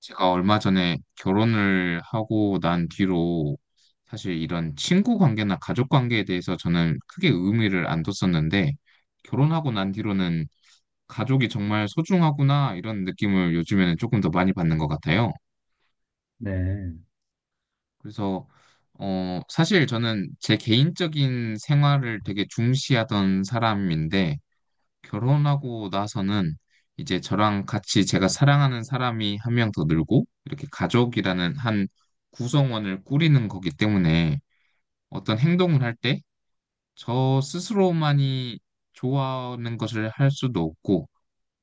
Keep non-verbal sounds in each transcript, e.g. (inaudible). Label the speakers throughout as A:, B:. A: 제가 얼마 전에 결혼을 하고 난 뒤로 사실 이런 친구 관계나 가족 관계에 대해서 저는 크게 의미를 안 뒀었는데, 결혼하고 난 뒤로는 가족이 정말 소중하구나, 이런 느낌을 요즘에는 조금 더 많이 받는 것 같아요.
B: 네.
A: 그래서 사실 저는 제 개인적인 생활을 되게 중시하던 사람인데, 결혼하고 나서는 이제 저랑 같이 제가 사랑하는 사람이 한 명 더 늘고, 이렇게 가족이라는 한 구성원을 꾸리는 거기 때문에 어떤 행동을 할 때 저 스스로만이 좋아하는 것을 할 수도 없고,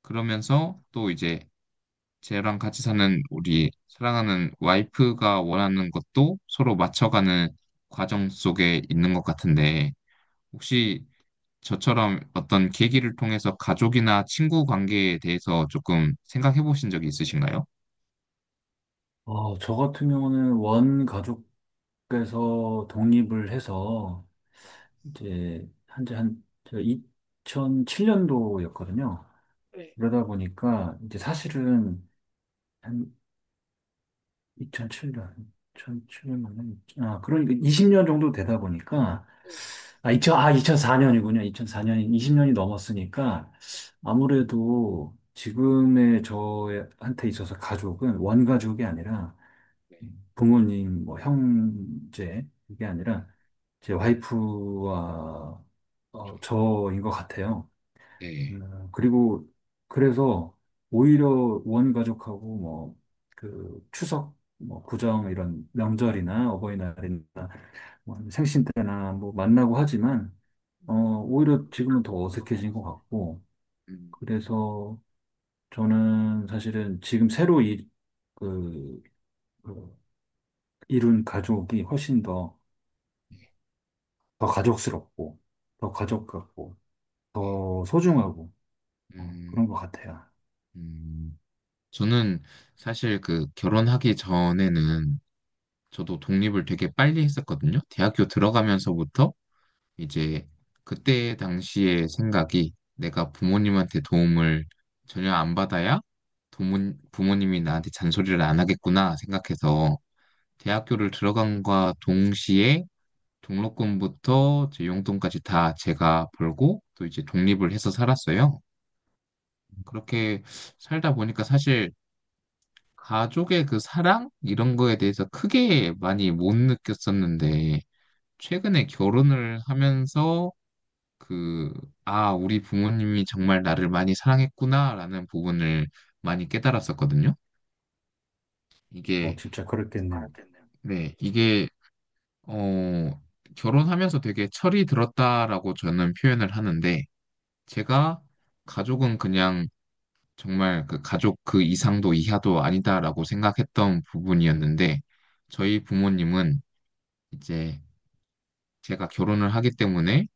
A: 그러면서 또 이제 저랑 같이 사는 우리 사랑하는 와이프가 원하는 것도 서로 맞춰가는 과정 속에 있는 것 같은데, 혹시 저처럼 어떤 계기를 통해서 가족이나 친구 관계에 대해서 조금 생각해 보신 적이 있으신가요?
B: 저 같은 경우는 원 가족께서 독립을 해서 이제 한지 한 2007년도였거든요. 그러다 보니까 이제 사실은 한 2007년, 2007년 맞나요? 아, 그러니까 20년 정도 되다 보니까 아, 2 0 0 아, 2004년이군요. 2004년, 20년이 넘었으니까 아무래도 지금의 저한테 있어서 가족은 원가족이 아니라 부모님, 뭐 형제 이게 아니라 제 와이프와 저인 것 같아요.
A: 네.
B: 그리고 그래서 오히려 원가족하고 뭐 그 추석, 뭐 구정 이런
A: 음,
B: 명절이나 어버이날이나 뭐 생신 때나 뭐 만나고 하지만 오히려 지금은 더 어색해진 것 같고,
A: 네.
B: 그래서 저는 사실은 지금 새로 이, 그, 그 이룬 가족이 훨씬 더 가족스럽고, 더 가족 같고,
A: 네.
B: 더 소중하고,
A: 음,
B: 그런 것 같아요.
A: 음, 저는 사실 그 결혼하기 전에는 저도 독립을 되게 빨리 했었거든요. 대학교 들어가면서부터 이제 그때 당시의 생각이, 내가 부모님한테 도움을 전혀 안 받아야 부모님이 나한테 잔소리를 안 하겠구나 생각해서 대학교를 들어간과 동시에 등록금부터 제 용돈까지 다 제가 벌고, 또 이제 독립을 해서 살았어요. 그렇게 살다 보니까 사실 가족의 그 사랑 이런 거에 대해서 크게 많이 못 느꼈었는데, 최근에 결혼을 하면서 그, 아, 우리 부모님이 정말 나를 많이 사랑했구나라는 부분을 많이 깨달았었거든요. 이게,
B: 진짜 그렇겠네요.
A: 네, 어, 결혼하면서 되게 철이 들었다라고 저는 표현을 하는데, 제가 가족은 그냥 정말 그 가족 그 이상도 이하도 아니다라고 생각했던 부분이었는데, 저희 부모님은 이제 제가 결혼을 하기 때문에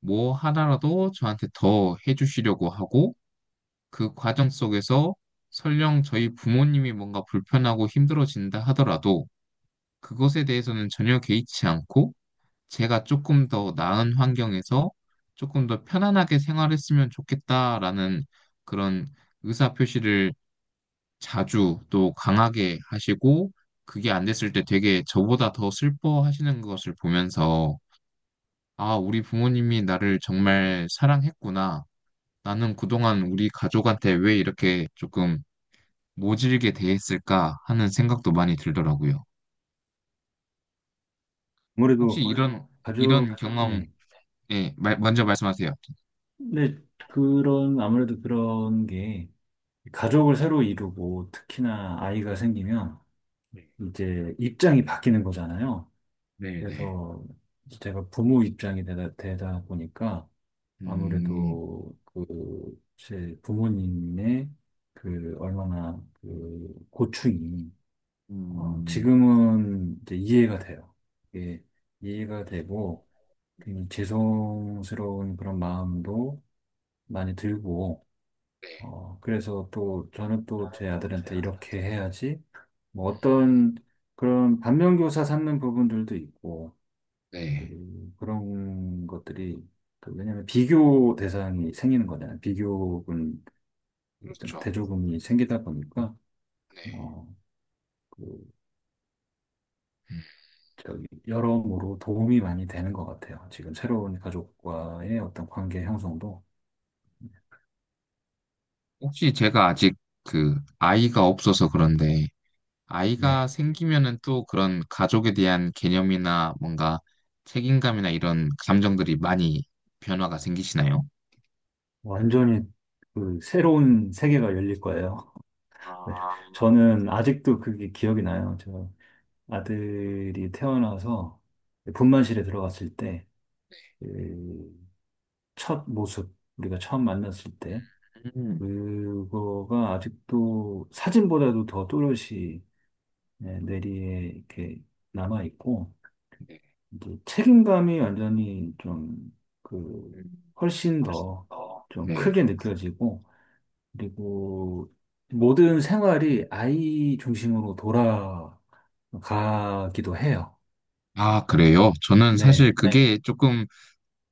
A: 뭐 하나라도 저한테 더 해주시려고 하고, 그 과정 속에서 설령 저희 부모님이 뭔가 불편하고 힘들어진다 하더라도 그것에 대해서는 전혀 개의치 않고 제가 조금 더 나은 환경에서 조금 더 편안하게 생활했으면 좋겠다라는 그런 의사 표시를 자주 또 강하게 하시고, 그게 안 됐을 때 되게 저보다 더 슬퍼하시는 것을 보면서 아, 우리 부모님이 나를 정말 사랑했구나. 나는 그동안 우리 가족한테 왜 이렇게 조금 모질게 대했을까 하는 생각도 많이 들더라고요. 혹시
B: 아무래도
A: 맞아요. 이런, 이런
B: 가족,
A: 경험,
B: 네.
A: 예, 먼저 말씀하세요.
B: 근데 아무래도 그런 게, 가족을 새로 이루고, 특히나 아이가 생기면, 이제 입장이 바뀌는 거잖아요.
A: 네네.
B: 그래서 제가 부모 입장이 되다 보니까,
A: 음,
B: 아무래도 그, 제 부모님의 그, 얼마나 그, 고충이,
A: 음,
B: 지금은 이제 이해가 돼요. 이게 이해가 되고, 굉장히 죄송스러운 그런 마음도 많이 들고,
A: 네,
B: 그래서 또 저는
A: 나
B: 또 제
A: 또
B: 아들한테
A: 야
B: 이렇게 해야지, 뭐 어떤 그런 반면교사 삼는 부분들도 있고,
A: 네,
B: 그런 것들이, 그 왜냐면 비교 대상이 생기는 거잖아요. 비교군, 어떤
A: 그렇죠.
B: 대조군이 생기다 보니까,
A: 네.
B: 어, 그
A: 음.
B: 저기 여러모로 도움이 많이 되는 것 같아요. 지금 새로운 가족과의 어떤 관계 형성도.
A: 혹시 제가 아직 그 아이가 없어서 그런데, 아이가
B: 네,
A: 생기면은 또 그런 가족에 대한 개념이나 뭔가 책임감이나 이런 감정들이 많이 변화가 생기시나요?
B: 완전히 그 새로운 세계가 열릴 거예요. (laughs) 네,
A: 아,
B: 저는 아직도 그게 기억이 나요. 저 아들이 태어나서 분만실에 들어갔을 때, 그첫 모습, 우리가 처음 만났을 때,
A: 음,
B: 그거가 아직도 사진보다도 더 또렷이, 네, 뇌리에 이렇게 남아있고,
A: 네.
B: 이제 책임감이 완전히 좀, 그,
A: 음.
B: 훨씬 더 좀
A: 네.
B: 크게 느껴지고, 그리고 모든 생활이 아이 중심으로 돌아가기도 해요.
A: 아, 그래요? 저는 사실 네.
B: 네,
A: 그게 조금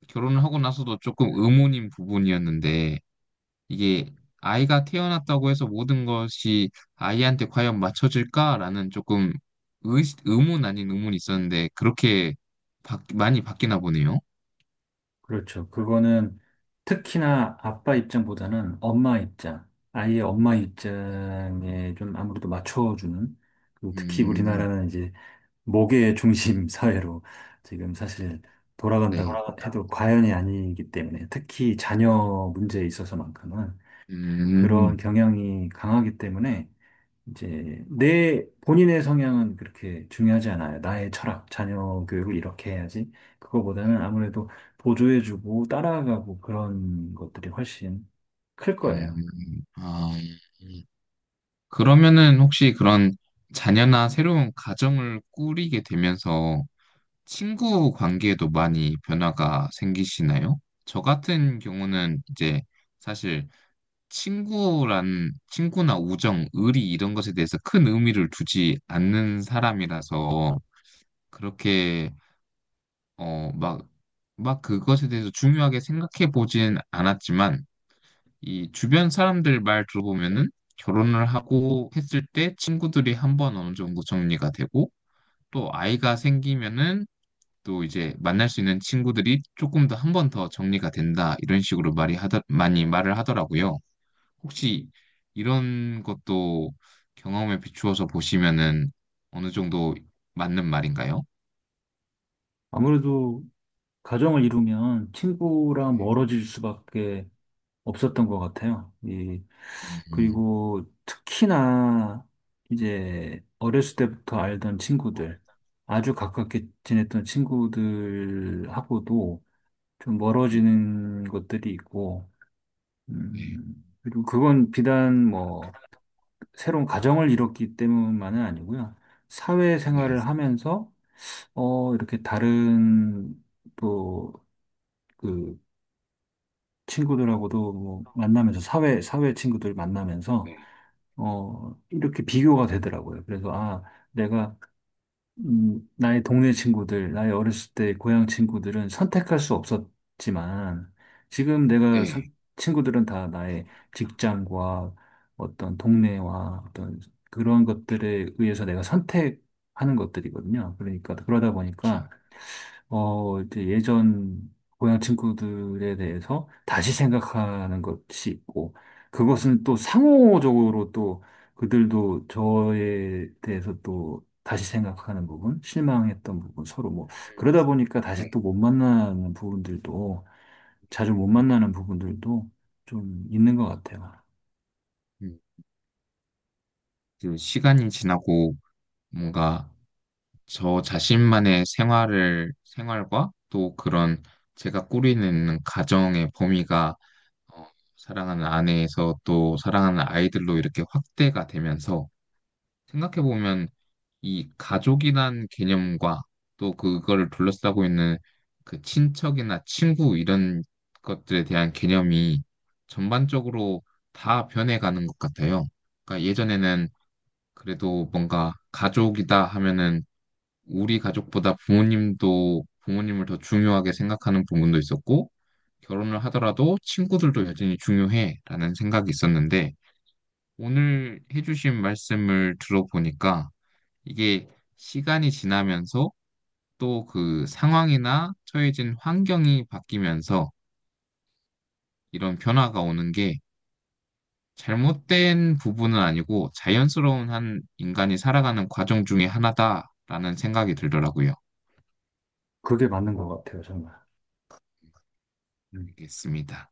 A: 결혼을 하고 나서도 조금 의문인 부분이었는데, 이게 아이가 태어났다고 해서 모든 것이 아이한테 과연 맞춰질까라는 조금 의문 아닌 의문이 있었는데, 그렇게 많이 바뀌나 보네요.
B: 그렇죠. 그거는 특히나 아빠 입장보다는 엄마 입장, 아이의 엄마 입장에 좀 아무래도 맞춰주는, 그리고 특히
A: 음,
B: 우리나라는 이제 목의 중심 (laughs) 사회로 지금 사실
A: 네.
B: 돌아간다고 해도 과연이 아니기 때문에, 특히 자녀 문제에 있어서만큼은
A: 음,
B: 그런 경향이 강하기 때문에 이제 내 본인의 성향은 그렇게 중요하지 않아요. 나의 철학, 자녀 교육을 이렇게 해야지. 그거보다는 아무래도 보조해주고 따라가고 그런 것들이 훨씬 클 거예요.
A: 아, 음. 그러면은 혹시 그런 자녀나 새로운 가정을 꾸리게 되면서 친구 관계에도 많이 변화가 생기시나요? 저 같은 경우는 이제 사실 친구나 우정, 의리 이런 것에 대해서 큰 의미를 두지 않는 사람이라서 그렇게, 어, 막, 막 그것에 대해서 중요하게 생각해 보진 않았지만 이 주변 사람들 말 들어보면은 결혼을 하고 했을 때 친구들이 한번 어느 정도 정리가 되고 또 아이가 생기면은 또 이제 만날 수 있는 친구들이 조금 더 한 번 더 정리가 된다, 이런 식으로 말이 하다 많이 말을 하더라고요. 혹시 이런 것도 경험에 비추어서 보시면은 어느 정도 맞는 말인가요?
B: 아무래도 가정을 이루면 친구랑 멀어질 수밖에 없었던 것 같아요. 이,
A: 음,
B: 그리고 특히나 이제 어렸을 때부터 알던 친구들, 아주 가깝게 지냈던 친구들하고도 좀
A: 네,
B: 멀어지는 것들이 있고,
A: 네,
B: 그리고 그건 비단 뭐 새로운 가정을 이뤘기 때문만은 아니고요.
A: 네,
B: 사회생활을 하면서 이렇게 다른 또 그 친구들하고도 뭐 만나면서 사회 친구들 만나면서
A: 네,
B: 이렇게 비교가 되더라고요. 그래서, 아, 내가, 나의 동네 친구들, 나의 어렸을 때 고향 친구들은 선택할 수 없었지만, 지금 내가
A: 네,
B: 친구들은 다 나의 직장과 어떤 동네와 어떤 그런
A: 그렇죠.
B: 것들에 의해서 내가 선택하는 것들이거든요. 그러니까, 그러다
A: 그렇죠.
B: 보니까, 이제 예전 고향 친구들에 대해서 다시 생각하는 것이 있고, 그것은 또 상호적으로 또 그들도 저에 대해서 또 다시 생각하는 부분, 실망했던 부분, 서로 뭐,
A: 음,
B: 그러다 보니까
A: 네,
B: 다시 또 못 만나는 부분들도, 자주 못
A: 음,
B: 만나는 부분들도 좀 있는 것 같아요.
A: 음. 그 시간이 지나고 뭔가 저 자신만의 생활을 생활과 또 그런 제가 꾸리는 가정의 범위가 어, 사랑하는 아내에서 또 사랑하는 아이들로 이렇게 확대가 되면서 생각해보면 이 가족이란 개념과 또 그거를 둘러싸고 있는 그 친척이나 친구 이런 것들에 대한 개념이 전반적으로 다 변해가는 것 같아요. 그러니까 예전에는 그래도 뭔가 가족이다 하면은 우리 가족보다 부모님도 부모님을 더 중요하게 생각하는 부분도 있었고, 결혼을 하더라도 친구들도 여전히 중요해라는 생각이 있었는데, 오늘 해주신 말씀을 들어보니까 이게 시간이 지나면서 또 그 상황이나 처해진 환경이 바뀌면서 이런 변화가 오는 게 잘못된 부분은 아니고 자연스러운 한 인간이 살아가는 과정 중에 하나다라는 생각이 들더라고요.
B: 그게 맞는 것 같아요, 정말. 음.
A: 알겠습니다.